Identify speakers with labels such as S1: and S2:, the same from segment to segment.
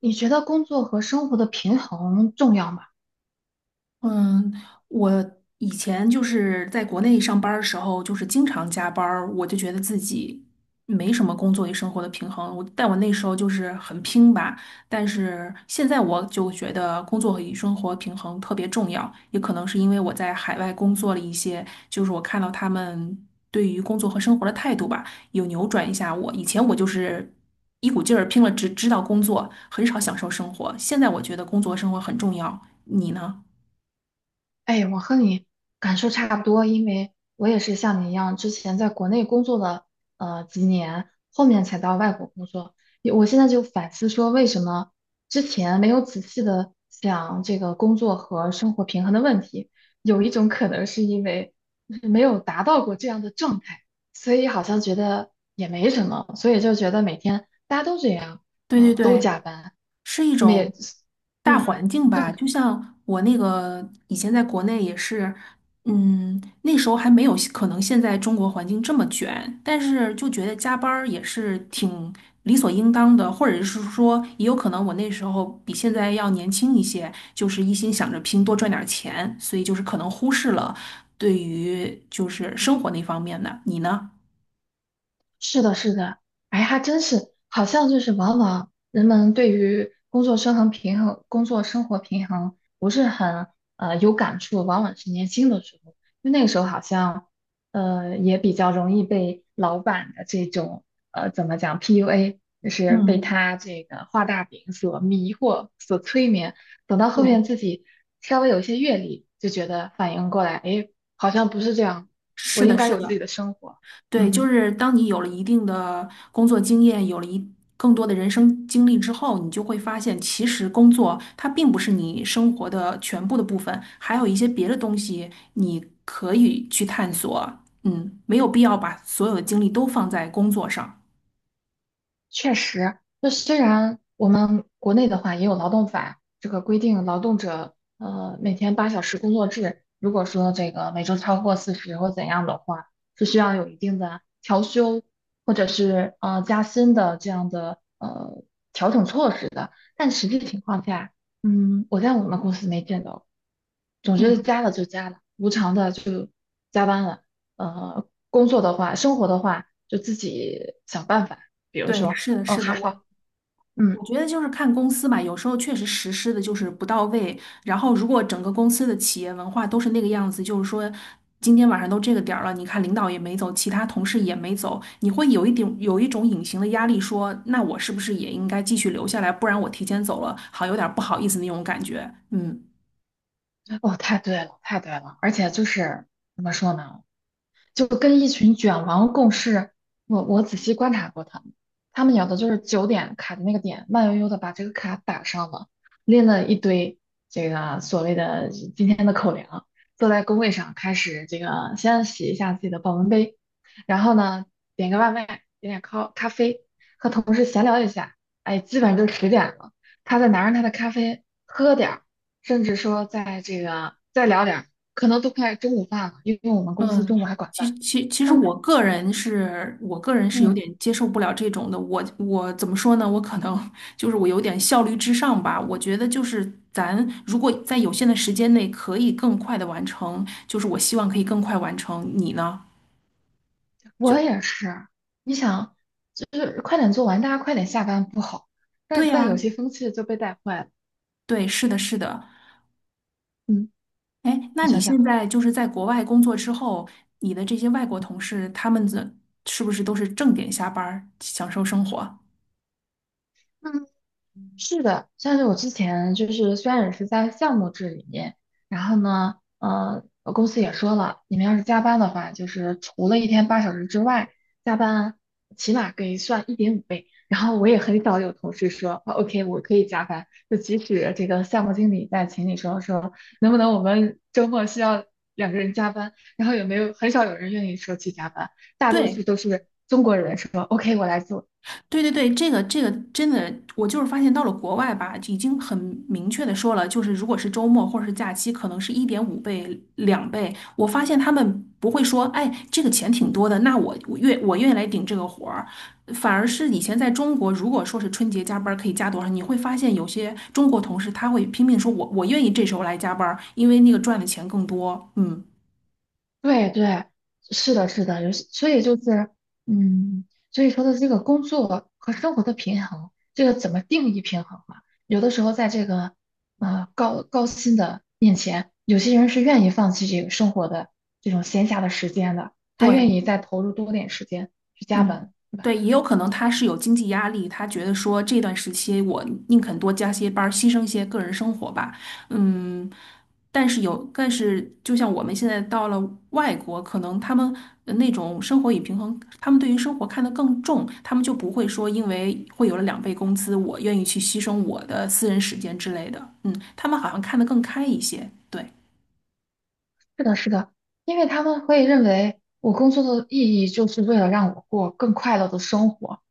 S1: 你觉得工作和生活的平衡重要吗？
S2: 嗯，我以前就是在国内上班儿的时候，就是经常加班儿，我就觉得自己没什么工作与生活的平衡。但我那时候就是很拼吧，但是现在我就觉得工作与生活平衡特别重要，也可能是因为我在海外工作了一些，就是我看到他们对于工作和生活的态度吧，有扭转一下我。以前我就是一股劲儿拼了，只知道工作，很少享受生活。现在我觉得工作和生活很重要，你呢？
S1: 哎，我和你感受差不多，因为我也是像你一样，之前在国内工作了几年，后面才到外国工作。也我现在就反思说，为什么之前没有仔细的想这个工作和生活平衡的问题？有一种可能是因为就是没有达到过这样的状态，所以好像觉得也没什么，所以就觉得每天大家都这样，
S2: 对对
S1: 都
S2: 对，
S1: 加班。
S2: 是一种
S1: 没，
S2: 大
S1: 嗯，
S2: 环境
S1: 这样。
S2: 吧。就像我那个以前在国内也是，嗯，那时候还没有可能现在中国环境这么卷，但是就觉得加班儿也是挺理所应当的，或者是说也有可能我那时候比现在要年轻一些，就是一心想着拼多赚点儿钱，所以就是可能忽视了对于就是生活那方面的。你呢？
S1: 是的，是的，哎，还真是，好像就是往往人们对于工作生衡平衡、工作生活平衡不是很有感触，往往是年轻的时候，因为那个时候好像也比较容易被老板的这种怎么讲 PUA，就是被
S2: 嗯，
S1: 他这个画大饼所迷惑、所催眠。等到后
S2: 对，
S1: 面自己稍微有一些阅历，就觉得反应过来，哎，好像不是这样，我
S2: 是
S1: 应
S2: 的，
S1: 该
S2: 是
S1: 有自
S2: 的。
S1: 己的生活，
S2: 对，就
S1: 嗯。
S2: 是当你有了一定的工作经验，有了一更多的人生经历之后，你就会发现，其实工作它并不是你生活的全部的部分，还有一些别的东西你可以去探索。嗯，没有必要把所有的精力都放在工作上。
S1: 确实，那虽然我们国内的话也有劳动法这个规定，劳动者每天8小时工作制，如果说这个每周超过四十或怎样的话，是需要有一定的调休或者是加薪的这样的调整措施的。但实际情况下，我在我们公司没见到。总之
S2: 嗯，
S1: 加了就加了，无偿的就加班了。工作的话，生活的话，就自己想办法。比如
S2: 对，
S1: 说，
S2: 是的，
S1: 哦，
S2: 是的，
S1: 还
S2: 我。
S1: 好，嗯，
S2: 我觉得就是看公司吧，有时候确实实施的就是不到位。然后，如果整个公司的企业文化都是那个样子，就是说今天晚上都这个点儿了，你看领导也没走，其他同事也没走，你会有一点有一种隐形的压力说，那我是不是也应该继续留下来，不然我提前走了，好有点儿不好意思那种感觉。嗯。
S1: 哦，太对了，太对了。而且就是怎么说呢？就跟一群卷王共事。我仔细观察过他们，他们有的就是九点卡的那个点，慢悠悠的把这个卡打上了，拎了一堆这个所谓的今天的口粮，坐在工位上开始这个先洗一下自己的保温杯，然后呢点个外卖，点点咖啡，和同事闲聊一下，哎，基本上就10点了。他再拿着他的咖啡喝点儿，甚至说在这个再聊点儿，可能都快中午饭了，因为我们公司
S2: 嗯，
S1: 中午还管
S2: 其
S1: 饭。
S2: 其其实
S1: 他们，
S2: 我个人是有
S1: 嗯，
S2: 点接受不了这种的。我怎么说呢？我可能 就是我有点效率至上吧。我觉得就是咱如果在有限的时间内可以更快的完成，就是我希望可以更快完成。你呢？
S1: 我也是，你想，就是快点做完，大家快点下班不好，
S2: 对
S1: 但
S2: 呀，
S1: 有些风气就被带坏了。
S2: 对，是的，是的。
S1: 嗯，
S2: 哎，那
S1: 你
S2: 你
S1: 想想
S2: 现
S1: 啊。
S2: 在就是在国外工作之后，你的这些外国同事，他们的是不是都是正点下班儿，享受生活？
S1: 是的，像是我之前就是虽然也是在项目制里面，然后呢，我公司也说了，你们要是加班的话，就是除了一天八小时之外，加班起码可以算1.5倍。然后我也很少有同事说啊，OK，我可以加班，就即使这个项目经理在群里说，能不能我们周末需要两个人加班，然后也没有很少有人愿意说去加班，大多数
S2: 对。
S1: 都是中国人说，OK，我来做。
S2: 对对对，这个这个真的，我就是发现到了国外吧，已经很明确的说了，就是如果是周末或者是假期，可能是一点五倍、两倍。我发现他们不会说，哎，这个钱挺多的，那我愿意来顶这个活儿。反而是以前在中国，如果说是春节加班儿可以加多少，你会发现有些中国同事他会拼命说我愿意这时候来加班儿，因为那个赚的钱更多。嗯，
S1: 对对，是的，是的，有些，所以就是，嗯，所以说的这个工作和生活的平衡，这个怎么定义平衡嘛？有的时候在这个高薪的面前，有些人是愿意放弃这个生活的这种闲暇的时间的，他愿
S2: 对。
S1: 意再投入多点时间去加
S2: 嗯，
S1: 班，对吧？
S2: 对，也有可能他是有经济压力，他觉得说这段时期我宁肯多加些班儿，牺牲一些个人生活吧。嗯，但是就像我们现在到了外国，可能他们那种生活与平衡，他们对于生活看得更重，他们就不会说因为会有了两倍工资，我愿意去牺牲我的私人时间之类的。嗯，他们好像看得更开一些。对，
S1: 是的，是的，因为他们会认为我工作的意义就是为了让我过更快乐的生活，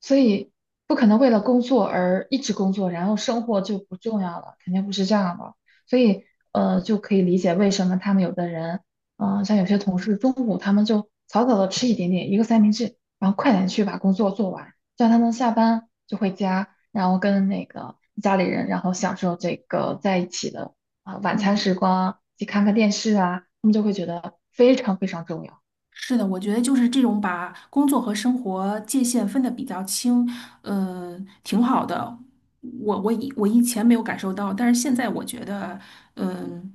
S1: 所以不可能为了工作而一直工作，然后生活就不重要了，肯定不是这样的。所以，就可以理解为什么他们有的人，像有些同事中午他们就早早的吃一点点一个三明治，然后快点去把工作做完，这样他们下班就回家，然后跟那个家里人，然后享受这个在一起的晚餐
S2: 嗯。
S1: 时光，去看看电视啊，他们就会觉得非常非常重要。
S2: 是的，我觉得就是这种把工作和生活界限分得比较清，呃，挺好的。我以前没有感受到，但是现在我觉得，嗯、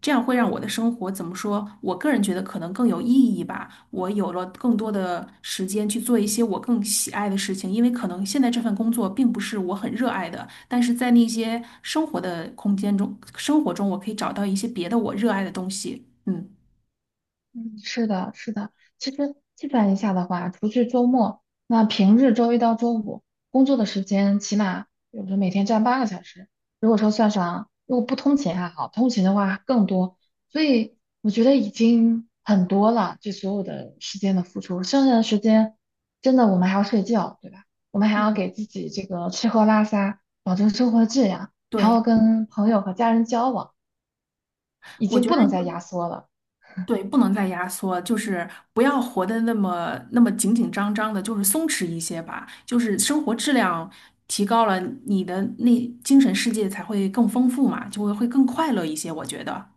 S2: 这样会让我的生活怎么说？我个人觉得可能更有意义吧。我有了更多的时间去做一些我更喜爱的事情，因为可能现在这份工作并不是我很热爱的，但是在那些生活的空间中，生活中我可以找到一些别的我热爱的东西。嗯，
S1: 嗯，是的，是的。其实计算一下的话，除去周末，那平日周一到周五工作的时间，起码有候每天占8个小时。如果说算上，如果不通勤还好，通勤的话更多。所以我觉得已经很多了，这所有的时间的付出。剩下的时间，真的我们还要睡觉，对吧？我们还要
S2: 嗯，
S1: 给自己这个吃喝拉撒，保证生活质量，还
S2: 对，
S1: 要跟朋友和家人交往，已
S2: 我
S1: 经
S2: 觉
S1: 不能再压
S2: 得。
S1: 缩了。
S2: 对，不能再压缩，就是不要活得那么那么紧紧张张的，就是松弛一些吧。就是生活质量提高了，你的那精神世界才会更丰富嘛，就会更快乐一些。我觉得，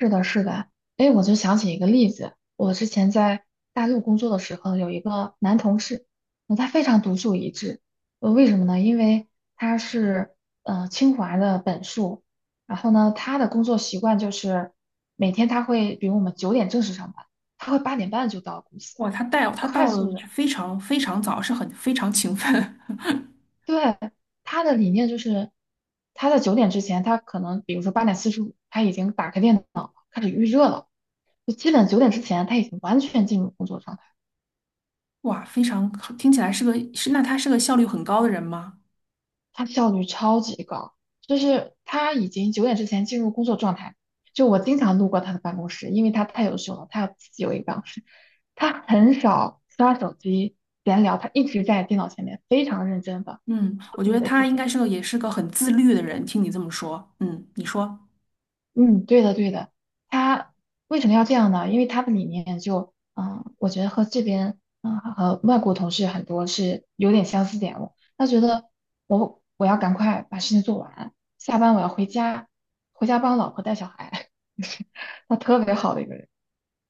S1: 是的，是的，哎，我就想起一个例子，我之前在大陆工作的时候，有一个男同事，那他非常独树一帜，为什么呢？因为他是清华的本硕，然后呢，他的工作习惯就是每天他会，比如我们九点正式上班，他会8点半就到公司，
S2: 哇，他
S1: 快
S2: 到了
S1: 速的。
S2: 非常非常早，是很非常勤奋，
S1: 对，他的理念就是，他在九点之前，他可能比如说8:45，他已经打开电脑了开始预热了，就基本九点之前他已经完全进入工作状态，
S2: 哇，非常听起来是个那他是个效率很高的人吗？
S1: 他效率超级高，就是他已经九点之前进入工作状态。就我经常路过他的办公室，因为他太优秀了，他要自己有一个办公室，他很少刷手机闲聊，他一直在电脑前面非常认真的
S2: 嗯，
S1: 做
S2: 我觉
S1: 自己
S2: 得
S1: 的事
S2: 他应该
S1: 情。
S2: 是个也是个很自律的人。听你这么说，嗯，你说，
S1: 嗯，对的，对的。他为什么要这样呢？因为他的理念就，嗯，我觉得和这边，嗯，和外国同事很多是有点相似点的他觉得我要赶快把事情做完，下班我要回家，回家帮老婆带小孩。他特别好的一个人，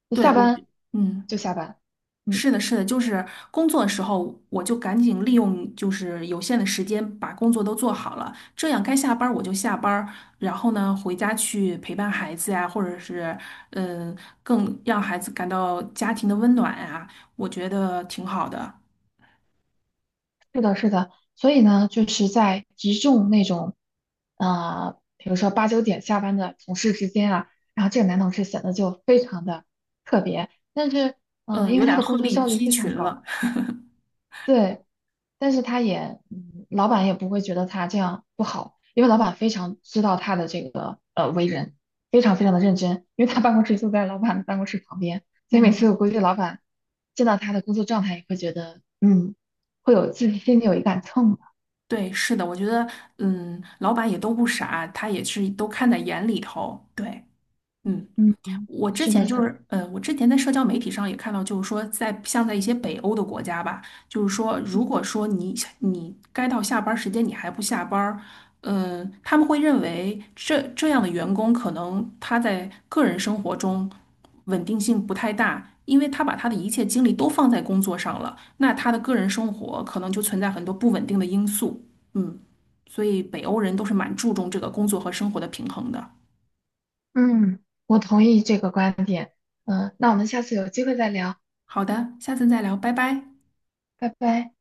S1: 就
S2: 对
S1: 下
S2: 我，
S1: 班
S2: 嗯。
S1: 就下班，嗯，
S2: 是的，是的，就是工作的时候，我就赶紧利用就是有限的时间把工作都做好了，这样该下班儿我就下班儿，然后呢回家去陪伴孩子呀，或者是嗯，更让孩子感到家庭的温暖呀，我觉得挺好的。
S1: 是的，是的，所以呢，就是在集中那种，比如说八九点下班的同事之间啊，然后这个男同事显得就非常的特别，但是，
S2: 嗯，
S1: 因
S2: 有
S1: 为他
S2: 点
S1: 的
S2: 鹤
S1: 工作
S2: 立
S1: 效率
S2: 鸡
S1: 非
S2: 群
S1: 常高，
S2: 了。
S1: 对，但是他也，老板也不会觉得他这样不好，因为老板非常知道他的这个为人，非常非常的认真，因为他办公室就在老板的办公室旁边，所以每次我
S2: 嗯，
S1: 估计老板见到他的工作状态也会觉得，嗯，会有自己心里有一杆秤。
S2: 对，是的，我觉得嗯，老板也都不傻，他也是都看在眼里头。对，嗯。
S1: 嗯，
S2: 我之
S1: 是的，
S2: 前就
S1: 是的，
S2: 是，我之前在社交媒体上也看到，就是说在，像在一些北欧的国家吧，就是说，如
S1: 嗯
S2: 果说你该到下班儿时间你还不下班儿，他们会认为这样的员工可能他在个人生活中稳定性不太大，因为他把他的一切精力都放在工作上了，那他的个人生活可能就存在很多不稳定的因素，嗯，所以北欧人都是蛮注重这个工作和生活的平衡的。
S1: 嗯，我同意这个观点。嗯，那我们下次有机会再聊，
S2: 好的，下次再聊，拜拜。
S1: 拜拜。